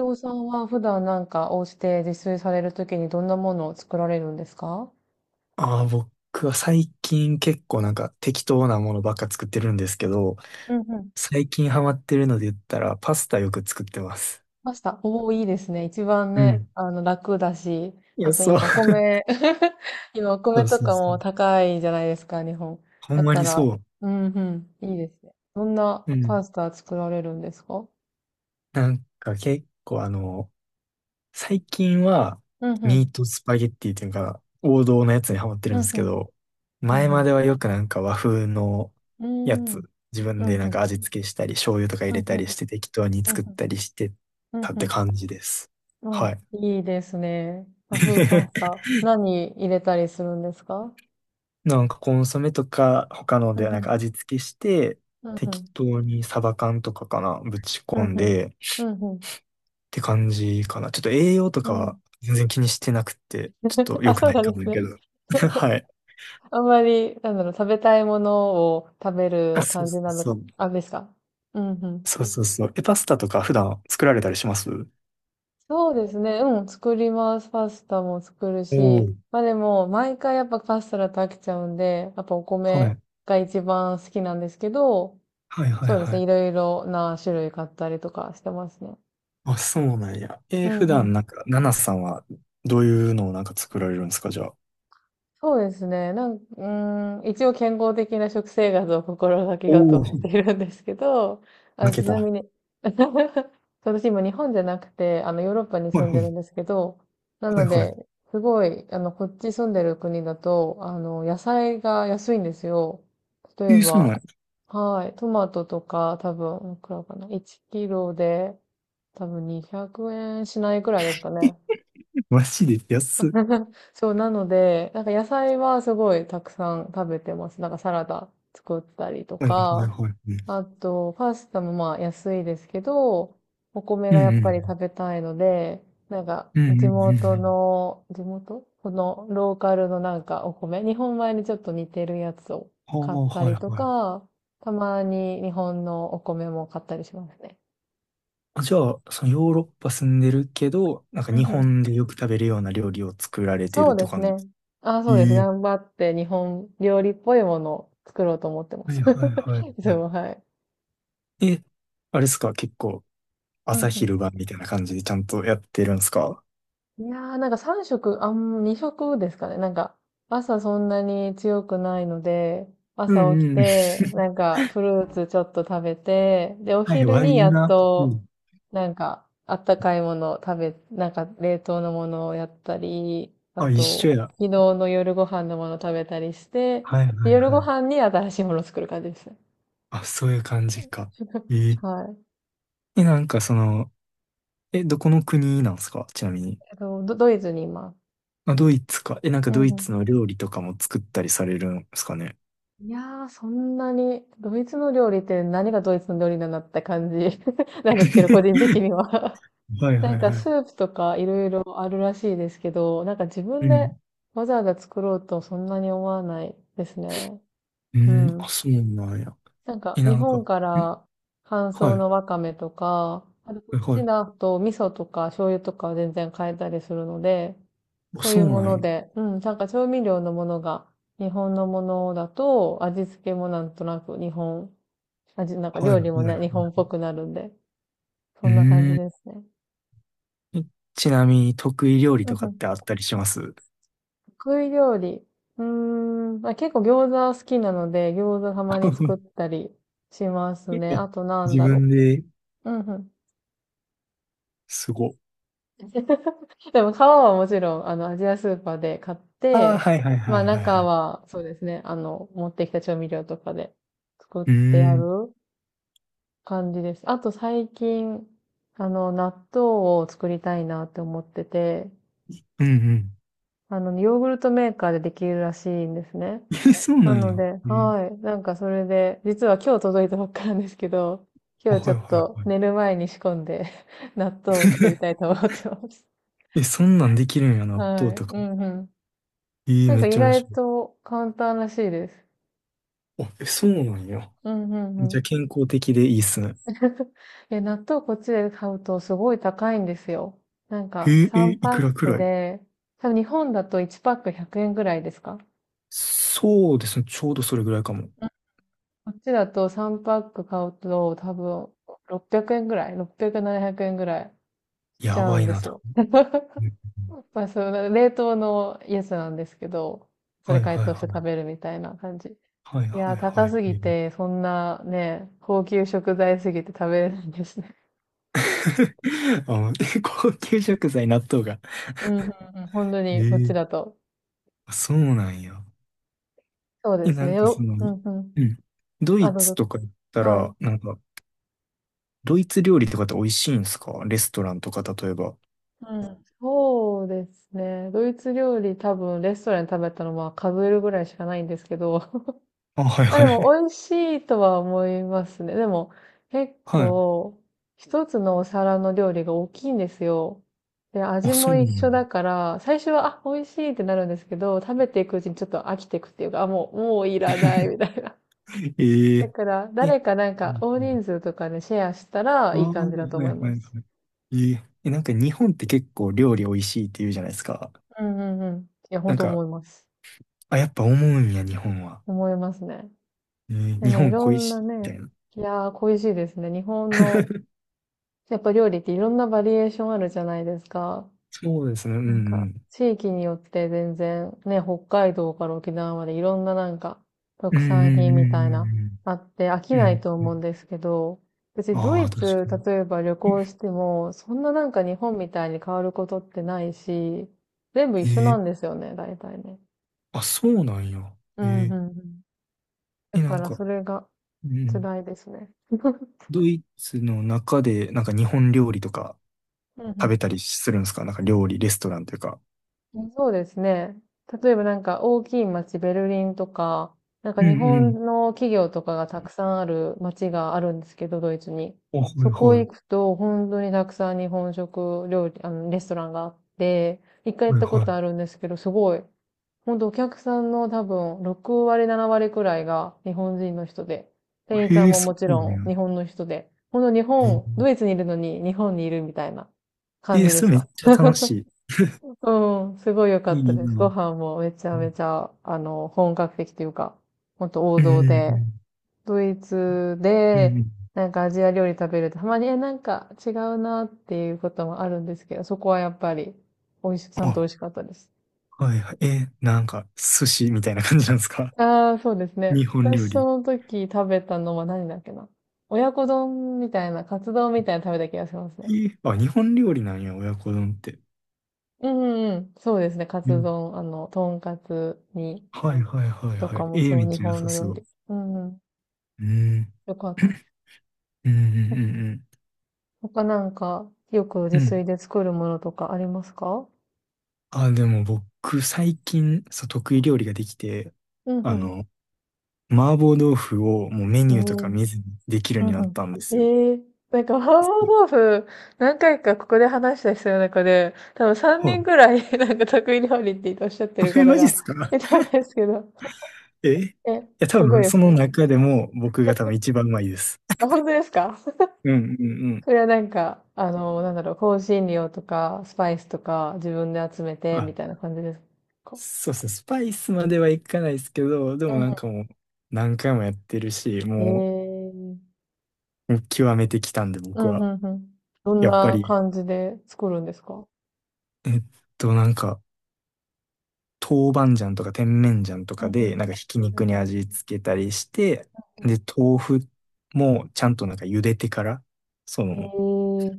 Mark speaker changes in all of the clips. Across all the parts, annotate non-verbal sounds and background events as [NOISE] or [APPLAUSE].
Speaker 1: 伊藤さんは普段なんかお家で自炊されるときにどんなものを作られるんですか？
Speaker 2: ああ、僕は最近結構適当なものばっか作ってるんですけど、
Speaker 1: うんうん。
Speaker 2: 最近ハマってるので言ったらパスタよく作ってます。
Speaker 1: パスタ。おお、いいですね。一番
Speaker 2: う
Speaker 1: ね、
Speaker 2: ん。
Speaker 1: 楽だし、
Speaker 2: い
Speaker 1: あ
Speaker 2: や、
Speaker 1: と
Speaker 2: そう。
Speaker 1: 今お米 [LAUGHS] 今お
Speaker 2: そ
Speaker 1: 米
Speaker 2: う
Speaker 1: と
Speaker 2: そう
Speaker 1: か
Speaker 2: そ
Speaker 1: も
Speaker 2: う。
Speaker 1: 高いじゃないですか、日本。
Speaker 2: ほん
Speaker 1: だ
Speaker 2: ま
Speaker 1: か
Speaker 2: に
Speaker 1: ら、
Speaker 2: そう。
Speaker 1: うんうん、いいですね。どんな
Speaker 2: うん。
Speaker 1: パスタ作られるんですか？
Speaker 2: なんか結構あの、最近は
Speaker 1: うんう
Speaker 2: ミ
Speaker 1: ん、
Speaker 2: ートスパゲッティっていうか王道のやつにハマってる
Speaker 1: う
Speaker 2: んで
Speaker 1: ん
Speaker 2: す
Speaker 1: う
Speaker 2: け
Speaker 1: ん、
Speaker 2: ど、
Speaker 1: う
Speaker 2: 前
Speaker 1: んう
Speaker 2: まではよく和風のや
Speaker 1: ん、うー
Speaker 2: つ、
Speaker 1: ん、
Speaker 2: 自
Speaker 1: う
Speaker 2: 分で
Speaker 1: んうん、
Speaker 2: 味付けしたり、醤油とか入
Speaker 1: うん
Speaker 2: れ
Speaker 1: う
Speaker 2: たりし
Speaker 1: ん、
Speaker 2: て適当に
Speaker 1: うんう
Speaker 2: 作っ
Speaker 1: ん、
Speaker 2: たりして
Speaker 1: うん
Speaker 2: たっ
Speaker 1: う
Speaker 2: て
Speaker 1: ん。
Speaker 2: 感じです。
Speaker 1: うん、
Speaker 2: はい。
Speaker 1: いいですね。和風パス
Speaker 2: [LAUGHS]
Speaker 1: タ。何入れたりするんですか？
Speaker 2: コンソメとか他の
Speaker 1: うん
Speaker 2: で
Speaker 1: うん、
Speaker 2: 味付けして
Speaker 1: うんう
Speaker 2: 適
Speaker 1: ん、
Speaker 2: 当にサバ缶とかかなぶち
Speaker 1: うん
Speaker 2: 込ん
Speaker 1: うん、
Speaker 2: でっ
Speaker 1: うん
Speaker 2: て感じかな。ちょっと栄養と
Speaker 1: う
Speaker 2: か
Speaker 1: ん、[LAUGHS] うん。
Speaker 2: は全然気にしてなくてちょっ
Speaker 1: [LAUGHS]
Speaker 2: と
Speaker 1: あ、
Speaker 2: 良く
Speaker 1: そう
Speaker 2: ない
Speaker 1: な
Speaker 2: か
Speaker 1: んで
Speaker 2: も
Speaker 1: す
Speaker 2: やけ
Speaker 1: ね。
Speaker 2: ど。[LAUGHS]
Speaker 1: [LAUGHS]
Speaker 2: はい。
Speaker 1: あんまり、なんだろう、食べたいものを食べ
Speaker 2: あ、
Speaker 1: る
Speaker 2: そう
Speaker 1: 感じ
Speaker 2: そう
Speaker 1: なの、
Speaker 2: そう。
Speaker 1: あ、ですか？うんうん。
Speaker 2: そうそうそう。え、パスタとか普段作られたりします？
Speaker 1: そうですね。うん、作ります。パスタも作る
Speaker 2: おお
Speaker 1: し。
Speaker 2: ー。
Speaker 1: まあでも、毎回やっぱパスタだと飽きちゃうんで、やっぱお
Speaker 2: は
Speaker 1: 米
Speaker 2: い。
Speaker 1: が一番好きなんですけど、
Speaker 2: はいはい
Speaker 1: そうです
Speaker 2: は
Speaker 1: ね。
Speaker 2: い。
Speaker 1: いろいろな種類買ったりとかしてますね。
Speaker 2: あ、そうなんや。え
Speaker 1: う
Speaker 2: ー
Speaker 1: ん
Speaker 2: 普
Speaker 1: う
Speaker 2: 段、
Speaker 1: ん。
Speaker 2: ナナさんはどういうのを作られるんですかじゃあ。
Speaker 1: そうですね。なん、うーん、一応健康的な食生活を心がけ
Speaker 2: お
Speaker 1: ようと
Speaker 2: お、
Speaker 1: はしているんですけど、[LAUGHS] あ、
Speaker 2: 負
Speaker 1: ち
Speaker 2: けた。
Speaker 1: な
Speaker 2: は
Speaker 1: みに、[LAUGHS] 私今日本じゃなくて、ヨーロッパに
Speaker 2: いは
Speaker 1: 住んでるん
Speaker 2: い。
Speaker 1: ですけど、な
Speaker 2: はい
Speaker 1: の
Speaker 2: は
Speaker 1: で、
Speaker 2: い。
Speaker 1: すごい、こっち住んでる国だと、野菜が安いんですよ。例
Speaker 2: え
Speaker 1: え
Speaker 2: ー、そうなん
Speaker 1: ば、
Speaker 2: や。
Speaker 1: はい、トマトとか、多分、いくらかな、1キロで、多分200円しないくらいですかね。
Speaker 2: マジで安っ。
Speaker 1: [LAUGHS] そう、なので、なんか野菜はすごいたくさん食べてます。なんかサラダ作ったりと
Speaker 2: はいはいはい
Speaker 1: か、
Speaker 2: はい。
Speaker 1: あと、パスタもまあ安いですけど、お米
Speaker 2: う
Speaker 1: が
Speaker 2: ん
Speaker 1: やっ
Speaker 2: う
Speaker 1: ぱ
Speaker 2: ん。
Speaker 1: り食べたいので、なんか
Speaker 2: うんうんうんうん。
Speaker 1: 地元このローカルのなんかお米、日本米にちょっと似てるやつを
Speaker 2: ああ、
Speaker 1: 買った
Speaker 2: はい
Speaker 1: りと
Speaker 2: はい。
Speaker 1: か、たまに日本のお米も買ったりしますね。
Speaker 2: あじゃあ、そのヨーロッパ住んでるけど、日本でよく食べるような料理を作られてる
Speaker 1: そ
Speaker 2: っ
Speaker 1: う
Speaker 2: て
Speaker 1: です
Speaker 2: 感じで
Speaker 1: ね。
Speaker 2: す。
Speaker 1: あ、そうです。
Speaker 2: ええ。
Speaker 1: 頑張って日本料理っぽいものを作ろうと思ってま
Speaker 2: は
Speaker 1: す。
Speaker 2: いはいはい
Speaker 1: [LAUGHS] いつ
Speaker 2: は
Speaker 1: も、はい。
Speaker 2: い。え、あれですか、結構
Speaker 1: うん
Speaker 2: 朝
Speaker 1: うん。
Speaker 2: 昼晩みたいな感じでちゃんとやってるんですか？
Speaker 1: いやー、なんか3食、2食ですかね。なんか、朝そんなに強くないので、
Speaker 2: う
Speaker 1: 朝起き
Speaker 2: んうん。
Speaker 1: て、なんか、フルーツちょっと食べて、で、お
Speaker 2: はい
Speaker 1: 昼
Speaker 2: わ、いい
Speaker 1: にやっ
Speaker 2: な。う
Speaker 1: と、
Speaker 2: ん。
Speaker 1: なんか、あったかいものを食べ、なんか、冷凍のものをやったり、あ
Speaker 2: あ、一緒
Speaker 1: と、
Speaker 2: や。
Speaker 1: 昨日の夜ご飯のものを食べたりして、
Speaker 2: はい
Speaker 1: で
Speaker 2: はい
Speaker 1: 夜
Speaker 2: は
Speaker 1: ご
Speaker 2: い。
Speaker 1: 飯に新しいものを作る感じですね。
Speaker 2: あ、そういう感じか。え
Speaker 1: [LAUGHS]
Speaker 2: え。
Speaker 1: はい。
Speaker 2: え、え、どこの国なんですかちなみに。
Speaker 1: ドイツにいます。
Speaker 2: まあ、ドイツか。え、
Speaker 1: うん
Speaker 2: ドイ
Speaker 1: うん。
Speaker 2: ツの料理とかも作ったりされるんですかね。
Speaker 1: いやー、そんなに、ドイツの料理って何がドイツの料理なんだって感じ [LAUGHS] なんですけど、個人
Speaker 2: [LAUGHS]
Speaker 1: 的には
Speaker 2: はい
Speaker 1: [LAUGHS] な
Speaker 2: は
Speaker 1: ん
Speaker 2: い
Speaker 1: か
Speaker 2: は
Speaker 1: ス
Speaker 2: い。
Speaker 1: ープとかいろいろあるらしいですけど、なんか自分
Speaker 2: う
Speaker 1: で
Speaker 2: ん。
Speaker 1: わざわざ作ろうとそんなに思わないですね。
Speaker 2: う
Speaker 1: う
Speaker 2: ん。あ、
Speaker 1: ん。
Speaker 2: そうなんや。
Speaker 1: なんか、
Speaker 2: え、
Speaker 1: 日
Speaker 2: なんか、
Speaker 1: 本か
Speaker 2: ん
Speaker 1: ら乾
Speaker 2: は
Speaker 1: 燥
Speaker 2: い。
Speaker 1: の
Speaker 2: は
Speaker 1: わかめとか、あとこ
Speaker 2: い
Speaker 1: っ
Speaker 2: は
Speaker 1: ち
Speaker 2: い。
Speaker 1: だと味噌とか醤油とかは全然買えたりするので、
Speaker 2: あ、
Speaker 1: そうい
Speaker 2: そ
Speaker 1: う
Speaker 2: う
Speaker 1: も
Speaker 2: なん
Speaker 1: の
Speaker 2: や。
Speaker 1: で、うん、なんか調味料のものが、日本のものだと、味付けもなんとなく日本、味、なんか
Speaker 2: はいは
Speaker 1: 料理も
Speaker 2: い
Speaker 1: ね、日本っ
Speaker 2: は
Speaker 1: ぽくなるんで、
Speaker 2: い。
Speaker 1: そ
Speaker 2: う
Speaker 1: んな感じ
Speaker 2: ん。
Speaker 1: ですね。
Speaker 2: えちなみに得意料理
Speaker 1: うん
Speaker 2: とか
Speaker 1: う
Speaker 2: ってあ
Speaker 1: ん。
Speaker 2: ったりします？
Speaker 1: 得意料理。うーん、まあ、結構餃子好きなので、餃子たまに
Speaker 2: [LAUGHS] あ
Speaker 1: 作ったりしますね。あとなん
Speaker 2: 自
Speaker 1: だろ
Speaker 2: 分で。
Speaker 1: う。うんうん。
Speaker 2: すご。
Speaker 1: [LAUGHS] [LAUGHS] でも皮はもちろん、アジアスーパーで買っ
Speaker 2: ああ、
Speaker 1: て、
Speaker 2: はいはい
Speaker 1: ま
Speaker 2: は
Speaker 1: あ
Speaker 2: いはいは
Speaker 1: 中
Speaker 2: い。
Speaker 1: は、そうですね、持ってきた調味料とかで作っ
Speaker 2: う
Speaker 1: て
Speaker 2: ー
Speaker 1: あ
Speaker 2: ん。
Speaker 1: る感じです。あと最近、納豆を作りたいなって思ってて、
Speaker 2: うんうん。
Speaker 1: ヨーグルトメーカーでできるらしいんですね。
Speaker 2: [LAUGHS] え、そうな
Speaker 1: な
Speaker 2: ん
Speaker 1: の
Speaker 2: や。
Speaker 1: で、
Speaker 2: えー
Speaker 1: はい。なんかそれで、実は今日届いたばっかなんですけど、今
Speaker 2: あ
Speaker 1: 日ち
Speaker 2: は
Speaker 1: ょ
Speaker 2: い
Speaker 1: っ
Speaker 2: はいはい。
Speaker 1: と寝る前に仕込んで [LAUGHS] 納豆を作りたいと思ってます。
Speaker 2: [LAUGHS] え、そんなんできるんや、納
Speaker 1: は
Speaker 2: 豆
Speaker 1: い。
Speaker 2: と
Speaker 1: う
Speaker 2: か。
Speaker 1: んうん。
Speaker 2: えー、
Speaker 1: なん
Speaker 2: め
Speaker 1: か
Speaker 2: っ
Speaker 1: 意
Speaker 2: ちゃ面
Speaker 1: 外
Speaker 2: 白い。
Speaker 1: と簡単らしいです。
Speaker 2: あ、え、そうなんや。
Speaker 1: うんうんう
Speaker 2: じゃあ
Speaker 1: ん。
Speaker 2: 健康的でいいっすね。
Speaker 1: [LAUGHS] いや、納豆こっちで買うとすごい高いんですよ。なん
Speaker 2: え
Speaker 1: か
Speaker 2: ー、え
Speaker 1: 3
Speaker 2: ーい
Speaker 1: パッ
Speaker 2: くらく
Speaker 1: ク
Speaker 2: らい？
Speaker 1: で、多分日本だと1パック100円ぐらいですか？
Speaker 2: そうですね。ちょうどそれぐらいかも。
Speaker 1: うん。こっちだと3パック買うと多分600円ぐらい？ 600、700円ぐらいしち
Speaker 2: や
Speaker 1: ゃう
Speaker 2: ば
Speaker 1: ん
Speaker 2: い
Speaker 1: で
Speaker 2: な、
Speaker 1: す
Speaker 2: だ
Speaker 1: よ。[LAUGHS] まあ、その冷凍のやつなんですけど、そ
Speaker 2: は
Speaker 1: れ
Speaker 2: い
Speaker 1: 解
Speaker 2: はい
Speaker 1: 凍し
Speaker 2: は
Speaker 1: て食べ
Speaker 2: い。
Speaker 1: るみたいな感じ。い
Speaker 2: はいは
Speaker 1: や
Speaker 2: い
Speaker 1: ー、
Speaker 2: は
Speaker 1: 高す
Speaker 2: い。え
Speaker 1: ぎ
Speaker 2: ー
Speaker 1: て、そんなね、高級食材すぎて食べれないんですね。
Speaker 2: [LAUGHS] あの、[LAUGHS] 高級食材、納豆が。
Speaker 1: うん、うん、うん、本当
Speaker 2: え
Speaker 1: に、こっち
Speaker 2: え、
Speaker 1: だと。
Speaker 2: あ、そうなんや。
Speaker 1: そうで
Speaker 2: え、
Speaker 1: す
Speaker 2: な
Speaker 1: ね。
Speaker 2: んかその、
Speaker 1: うん、うん。
Speaker 2: うん。ド
Speaker 1: あ、
Speaker 2: イ
Speaker 1: どう
Speaker 2: ツ
Speaker 1: ぞ。
Speaker 2: とか行った
Speaker 1: はい。
Speaker 2: ら、なんか、ドイツ料理とかって美味しいんですかレストランとか、例えば。
Speaker 1: うん。そうですね。ドイツ料理多分レストランで食べたのは数えるぐらいしかないんですけど、
Speaker 2: あ、はい
Speaker 1: あ、
Speaker 2: は
Speaker 1: でも
Speaker 2: い。
Speaker 1: 美味しいとは思いますね。でも結
Speaker 2: [LAUGHS] はい。
Speaker 1: 構一つのお皿の料理が大きいんですよ。で、
Speaker 2: あ、
Speaker 1: 味
Speaker 2: そ
Speaker 1: も
Speaker 2: うな
Speaker 1: 一
Speaker 2: んや。
Speaker 1: 緒だから、最初は、あ、美味しいってなるんですけど、食べていくうちにちょっと飽きていくっていうか、あ、もう、もういらないみたいな。[LAUGHS]
Speaker 2: え
Speaker 1: だ
Speaker 2: え、
Speaker 1: から、
Speaker 2: え
Speaker 1: 誰かなん
Speaker 2: う
Speaker 1: か
Speaker 2: ん
Speaker 1: 大
Speaker 2: うん
Speaker 1: 人数とかでシェアしたら
Speaker 2: ああ、
Speaker 1: いい
Speaker 2: は
Speaker 1: 感じだと思
Speaker 2: い
Speaker 1: いま
Speaker 2: はい
Speaker 1: す。
Speaker 2: はい。えええ、日本って結構料理美味しいって言うじゃないですか。
Speaker 1: うんうんうん。いや、
Speaker 2: な
Speaker 1: 本
Speaker 2: ん
Speaker 1: 当
Speaker 2: か、
Speaker 1: 思います。
Speaker 2: あ、やっぱ思うんや、日本は。
Speaker 1: 思いますね。
Speaker 2: えー
Speaker 1: で
Speaker 2: 日
Speaker 1: もい
Speaker 2: 本
Speaker 1: ろ
Speaker 2: 恋
Speaker 1: んな
Speaker 2: しいみ
Speaker 1: ね、
Speaker 2: たいな。
Speaker 1: いやー、恋しいですね。日本の
Speaker 2: [LAUGHS]
Speaker 1: やっぱ料理っていろんなバリエーションあるじゃないですか。
Speaker 2: そうですね、うん
Speaker 1: なん
Speaker 2: う
Speaker 1: か、
Speaker 2: ん。
Speaker 1: 地域によって全然、ね、北海道から沖縄までいろんななんか、
Speaker 2: うん
Speaker 1: 特産品みたいな、
Speaker 2: うん
Speaker 1: あって飽き
Speaker 2: うんう
Speaker 1: な
Speaker 2: んう
Speaker 1: い
Speaker 2: ん。
Speaker 1: と
Speaker 2: うんう
Speaker 1: 思うん
Speaker 2: ん。
Speaker 1: ですけど、別にド
Speaker 2: あ
Speaker 1: イ
Speaker 2: あ、確か
Speaker 1: ツ、
Speaker 2: に。
Speaker 1: 例えば旅行しても、そんななんか日本みたいに変わることってないし、全部一緒な
Speaker 2: え
Speaker 1: んで
Speaker 2: え
Speaker 1: すよね、大体ね。
Speaker 2: あ、そうなんや。
Speaker 1: うんう
Speaker 2: え
Speaker 1: ん
Speaker 2: え
Speaker 1: うん。だ
Speaker 2: え、な
Speaker 1: か
Speaker 2: ん
Speaker 1: ら
Speaker 2: か、
Speaker 1: それが
Speaker 2: うん。
Speaker 1: 辛いですね。[LAUGHS]
Speaker 2: ドイツの中で、日本料理とか
Speaker 1: うんう
Speaker 2: 食べ
Speaker 1: ん
Speaker 2: たりするんですかなんか料理、レストランというか。
Speaker 1: うん。そうですね。例えばなんか大きい街、ベルリンとか、なんか
Speaker 2: うん
Speaker 1: 日
Speaker 2: うん。
Speaker 1: 本の企業とかがたくさんある街があるんですけど、ドイツに。
Speaker 2: あ、は
Speaker 1: そ
Speaker 2: い
Speaker 1: こ
Speaker 2: は
Speaker 1: 行
Speaker 2: い。
Speaker 1: くと、本当にたくさん日本食料理、レストランがあって、一回行っ
Speaker 2: はい
Speaker 1: たこ
Speaker 2: は
Speaker 1: とあるんですけど、すごい。本当お客さんの多分6割、7割くらいが日本人の人で、店員
Speaker 2: い。
Speaker 1: さ
Speaker 2: え
Speaker 1: ん
Speaker 2: え
Speaker 1: も
Speaker 2: そ
Speaker 1: もち
Speaker 2: うな
Speaker 1: ろん
Speaker 2: んや。
Speaker 1: 日本の人で、本当日本、ドイツにいるのに日本にいるみたいな
Speaker 2: え
Speaker 1: 感
Speaker 2: ー、
Speaker 1: じで
Speaker 2: そ
Speaker 1: し
Speaker 2: れめっ
Speaker 1: た。
Speaker 2: ちゃ楽し
Speaker 1: うん、すごい良か
Speaker 2: い。
Speaker 1: った
Speaker 2: いい
Speaker 1: です。
Speaker 2: な。う
Speaker 1: ご
Speaker 2: ん、
Speaker 1: 飯もめちゃめちゃ、本格的というか、ほんと王
Speaker 2: うん、
Speaker 1: 道
Speaker 2: う
Speaker 1: で、
Speaker 2: ん。
Speaker 1: ドイツで、なんかアジア料理食べると、たまに、え、なんか違うなっていうこともあるんですけど、そこはやっぱり、美味し、ちゃんと美
Speaker 2: あ、
Speaker 1: 味しかったです。
Speaker 2: はいはい。えー、なんか、寿司みたいな感じなんですか？
Speaker 1: ああ、そうです
Speaker 2: [LAUGHS]
Speaker 1: ね。
Speaker 2: 日本料
Speaker 1: 私
Speaker 2: 理。
Speaker 1: その時食べたのは何だっけな。親子丼みたいな、カツ丼みたいなの食べた気がします
Speaker 2: え
Speaker 1: ね。
Speaker 2: ー、あ、日本料理なんや、親子丼って。
Speaker 1: うんうんうん。そうですね。カ
Speaker 2: う
Speaker 1: ツ
Speaker 2: ん。
Speaker 1: 丼、とんかつ煮
Speaker 2: はいはいはい
Speaker 1: と
Speaker 2: は
Speaker 1: か
Speaker 2: い。
Speaker 1: も
Speaker 2: えー、め
Speaker 1: そう、
Speaker 2: っ
Speaker 1: 日
Speaker 2: ちゃ良
Speaker 1: 本
Speaker 2: さ
Speaker 1: の
Speaker 2: そ
Speaker 1: 料理。
Speaker 2: う。
Speaker 1: うんうん。
Speaker 2: うん。
Speaker 1: よかった。
Speaker 2: [LAUGHS] うんう
Speaker 1: お
Speaker 2: ん
Speaker 1: 他なんか、よく自
Speaker 2: うんうん。う
Speaker 1: 炊
Speaker 2: ん。
Speaker 1: で作るものとかありますか？
Speaker 2: あ、でも僕、最近、そう、得意料理ができて、
Speaker 1: うんう
Speaker 2: あ
Speaker 1: ん。
Speaker 2: の、麻婆豆腐をもうメ
Speaker 1: う
Speaker 2: ニューとか
Speaker 1: ん。
Speaker 2: 見ずにできるよ
Speaker 1: う
Speaker 2: う
Speaker 1: ん
Speaker 2: になったんで
Speaker 1: うん。
Speaker 2: すよ。
Speaker 1: ええー、なんか、麻婆豆腐、何回かここで話した人の中で、多分3
Speaker 2: は
Speaker 1: 人
Speaker 2: い。
Speaker 1: くらい、[LAUGHS] なんか得意料理っておっしゃってる
Speaker 2: [LAUGHS] え
Speaker 1: 方
Speaker 2: マジっ
Speaker 1: が
Speaker 2: すか？
Speaker 1: いたんですけど。
Speaker 2: えい
Speaker 1: え、
Speaker 2: や、多
Speaker 1: すごい
Speaker 2: 分、
Speaker 1: で
Speaker 2: そ
Speaker 1: す
Speaker 2: の
Speaker 1: ね。
Speaker 2: 中でも僕が多分一番うまいです。
Speaker 1: あ、本当ですか？
Speaker 2: うんうんうん。
Speaker 1: それはなんか、なんだろう、香辛料とか、スパイスとか、自分で集めて、みたいな
Speaker 2: あ、
Speaker 1: 感じですか？
Speaker 2: そうですね。スパイスまではいかないですけど、でも
Speaker 1: うん
Speaker 2: もう何回もやってるし、も
Speaker 1: うん。ええ。
Speaker 2: うもう極めてきたんで
Speaker 1: う
Speaker 2: 僕
Speaker 1: ん、う
Speaker 2: は。
Speaker 1: ん、うん。どん
Speaker 2: やっぱ
Speaker 1: な
Speaker 2: り、
Speaker 1: 感じで作るんですか？
Speaker 2: えっなんか豆板醤とか甜麺醤と
Speaker 1: うん
Speaker 2: か
Speaker 1: う
Speaker 2: でひき
Speaker 1: ん
Speaker 2: 肉
Speaker 1: う
Speaker 2: に
Speaker 1: ん、
Speaker 2: 味付けたりして、
Speaker 1: うん。
Speaker 2: で、豆腐もちゃんと茹でてから、そ
Speaker 1: え
Speaker 2: の、
Speaker 1: ー、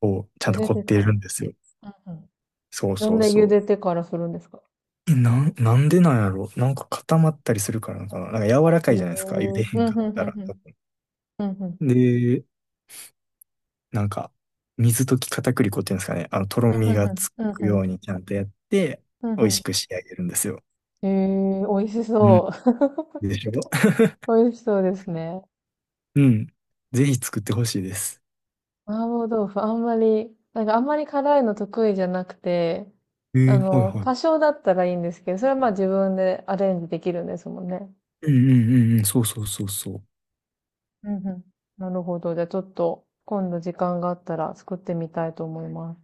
Speaker 2: をちゃ
Speaker 1: 茹
Speaker 2: んと
Speaker 1: で
Speaker 2: 凝っ
Speaker 1: て
Speaker 2: て
Speaker 1: から。
Speaker 2: るんですよ。
Speaker 1: うんうん。
Speaker 2: そう
Speaker 1: な
Speaker 2: そ
Speaker 1: ん
Speaker 2: う
Speaker 1: で
Speaker 2: そ
Speaker 1: 茹
Speaker 2: う。
Speaker 1: でてからするんですか？
Speaker 2: え、なん、なんでなんやろなんか固まったりするからなの
Speaker 1: う
Speaker 2: かななんか柔らか
Speaker 1: ん。
Speaker 2: いじゃないですか。茹でへ
Speaker 1: う
Speaker 2: んか
Speaker 1: ん、
Speaker 2: っ
Speaker 1: うん、
Speaker 2: た
Speaker 1: うん、
Speaker 2: ら。
Speaker 1: う
Speaker 2: 多
Speaker 1: ん。
Speaker 2: 分
Speaker 1: うんうん
Speaker 2: で、なんか、水溶き片栗粉っていうんですかね。あの、と
Speaker 1: う
Speaker 2: ろ
Speaker 1: ん
Speaker 2: みがつ
Speaker 1: うん
Speaker 2: く
Speaker 1: うん
Speaker 2: ようにちゃんとやって、
Speaker 1: うん
Speaker 2: 美味し
Speaker 1: う
Speaker 2: く仕上げるんですよ。
Speaker 1: ん。美味し
Speaker 2: うん。
Speaker 1: そう。
Speaker 2: でしょ？ [LAUGHS]
Speaker 1: [LAUGHS] 美味しそうですね。
Speaker 2: うん。ぜひ作ってほしいです。
Speaker 1: 麻婆豆腐、あんまり、なんかあんまり辛いの得意じゃなくて、
Speaker 2: えー、はいはい。
Speaker 1: 多少だったらいいんですけど、それはまあ自分でアレンジできるんですもんね。
Speaker 2: うんうんうんうん。そうそうそうそう。
Speaker 1: うんうん。なるほど。じゃあちょっと今度時間があったら作ってみたいと思います。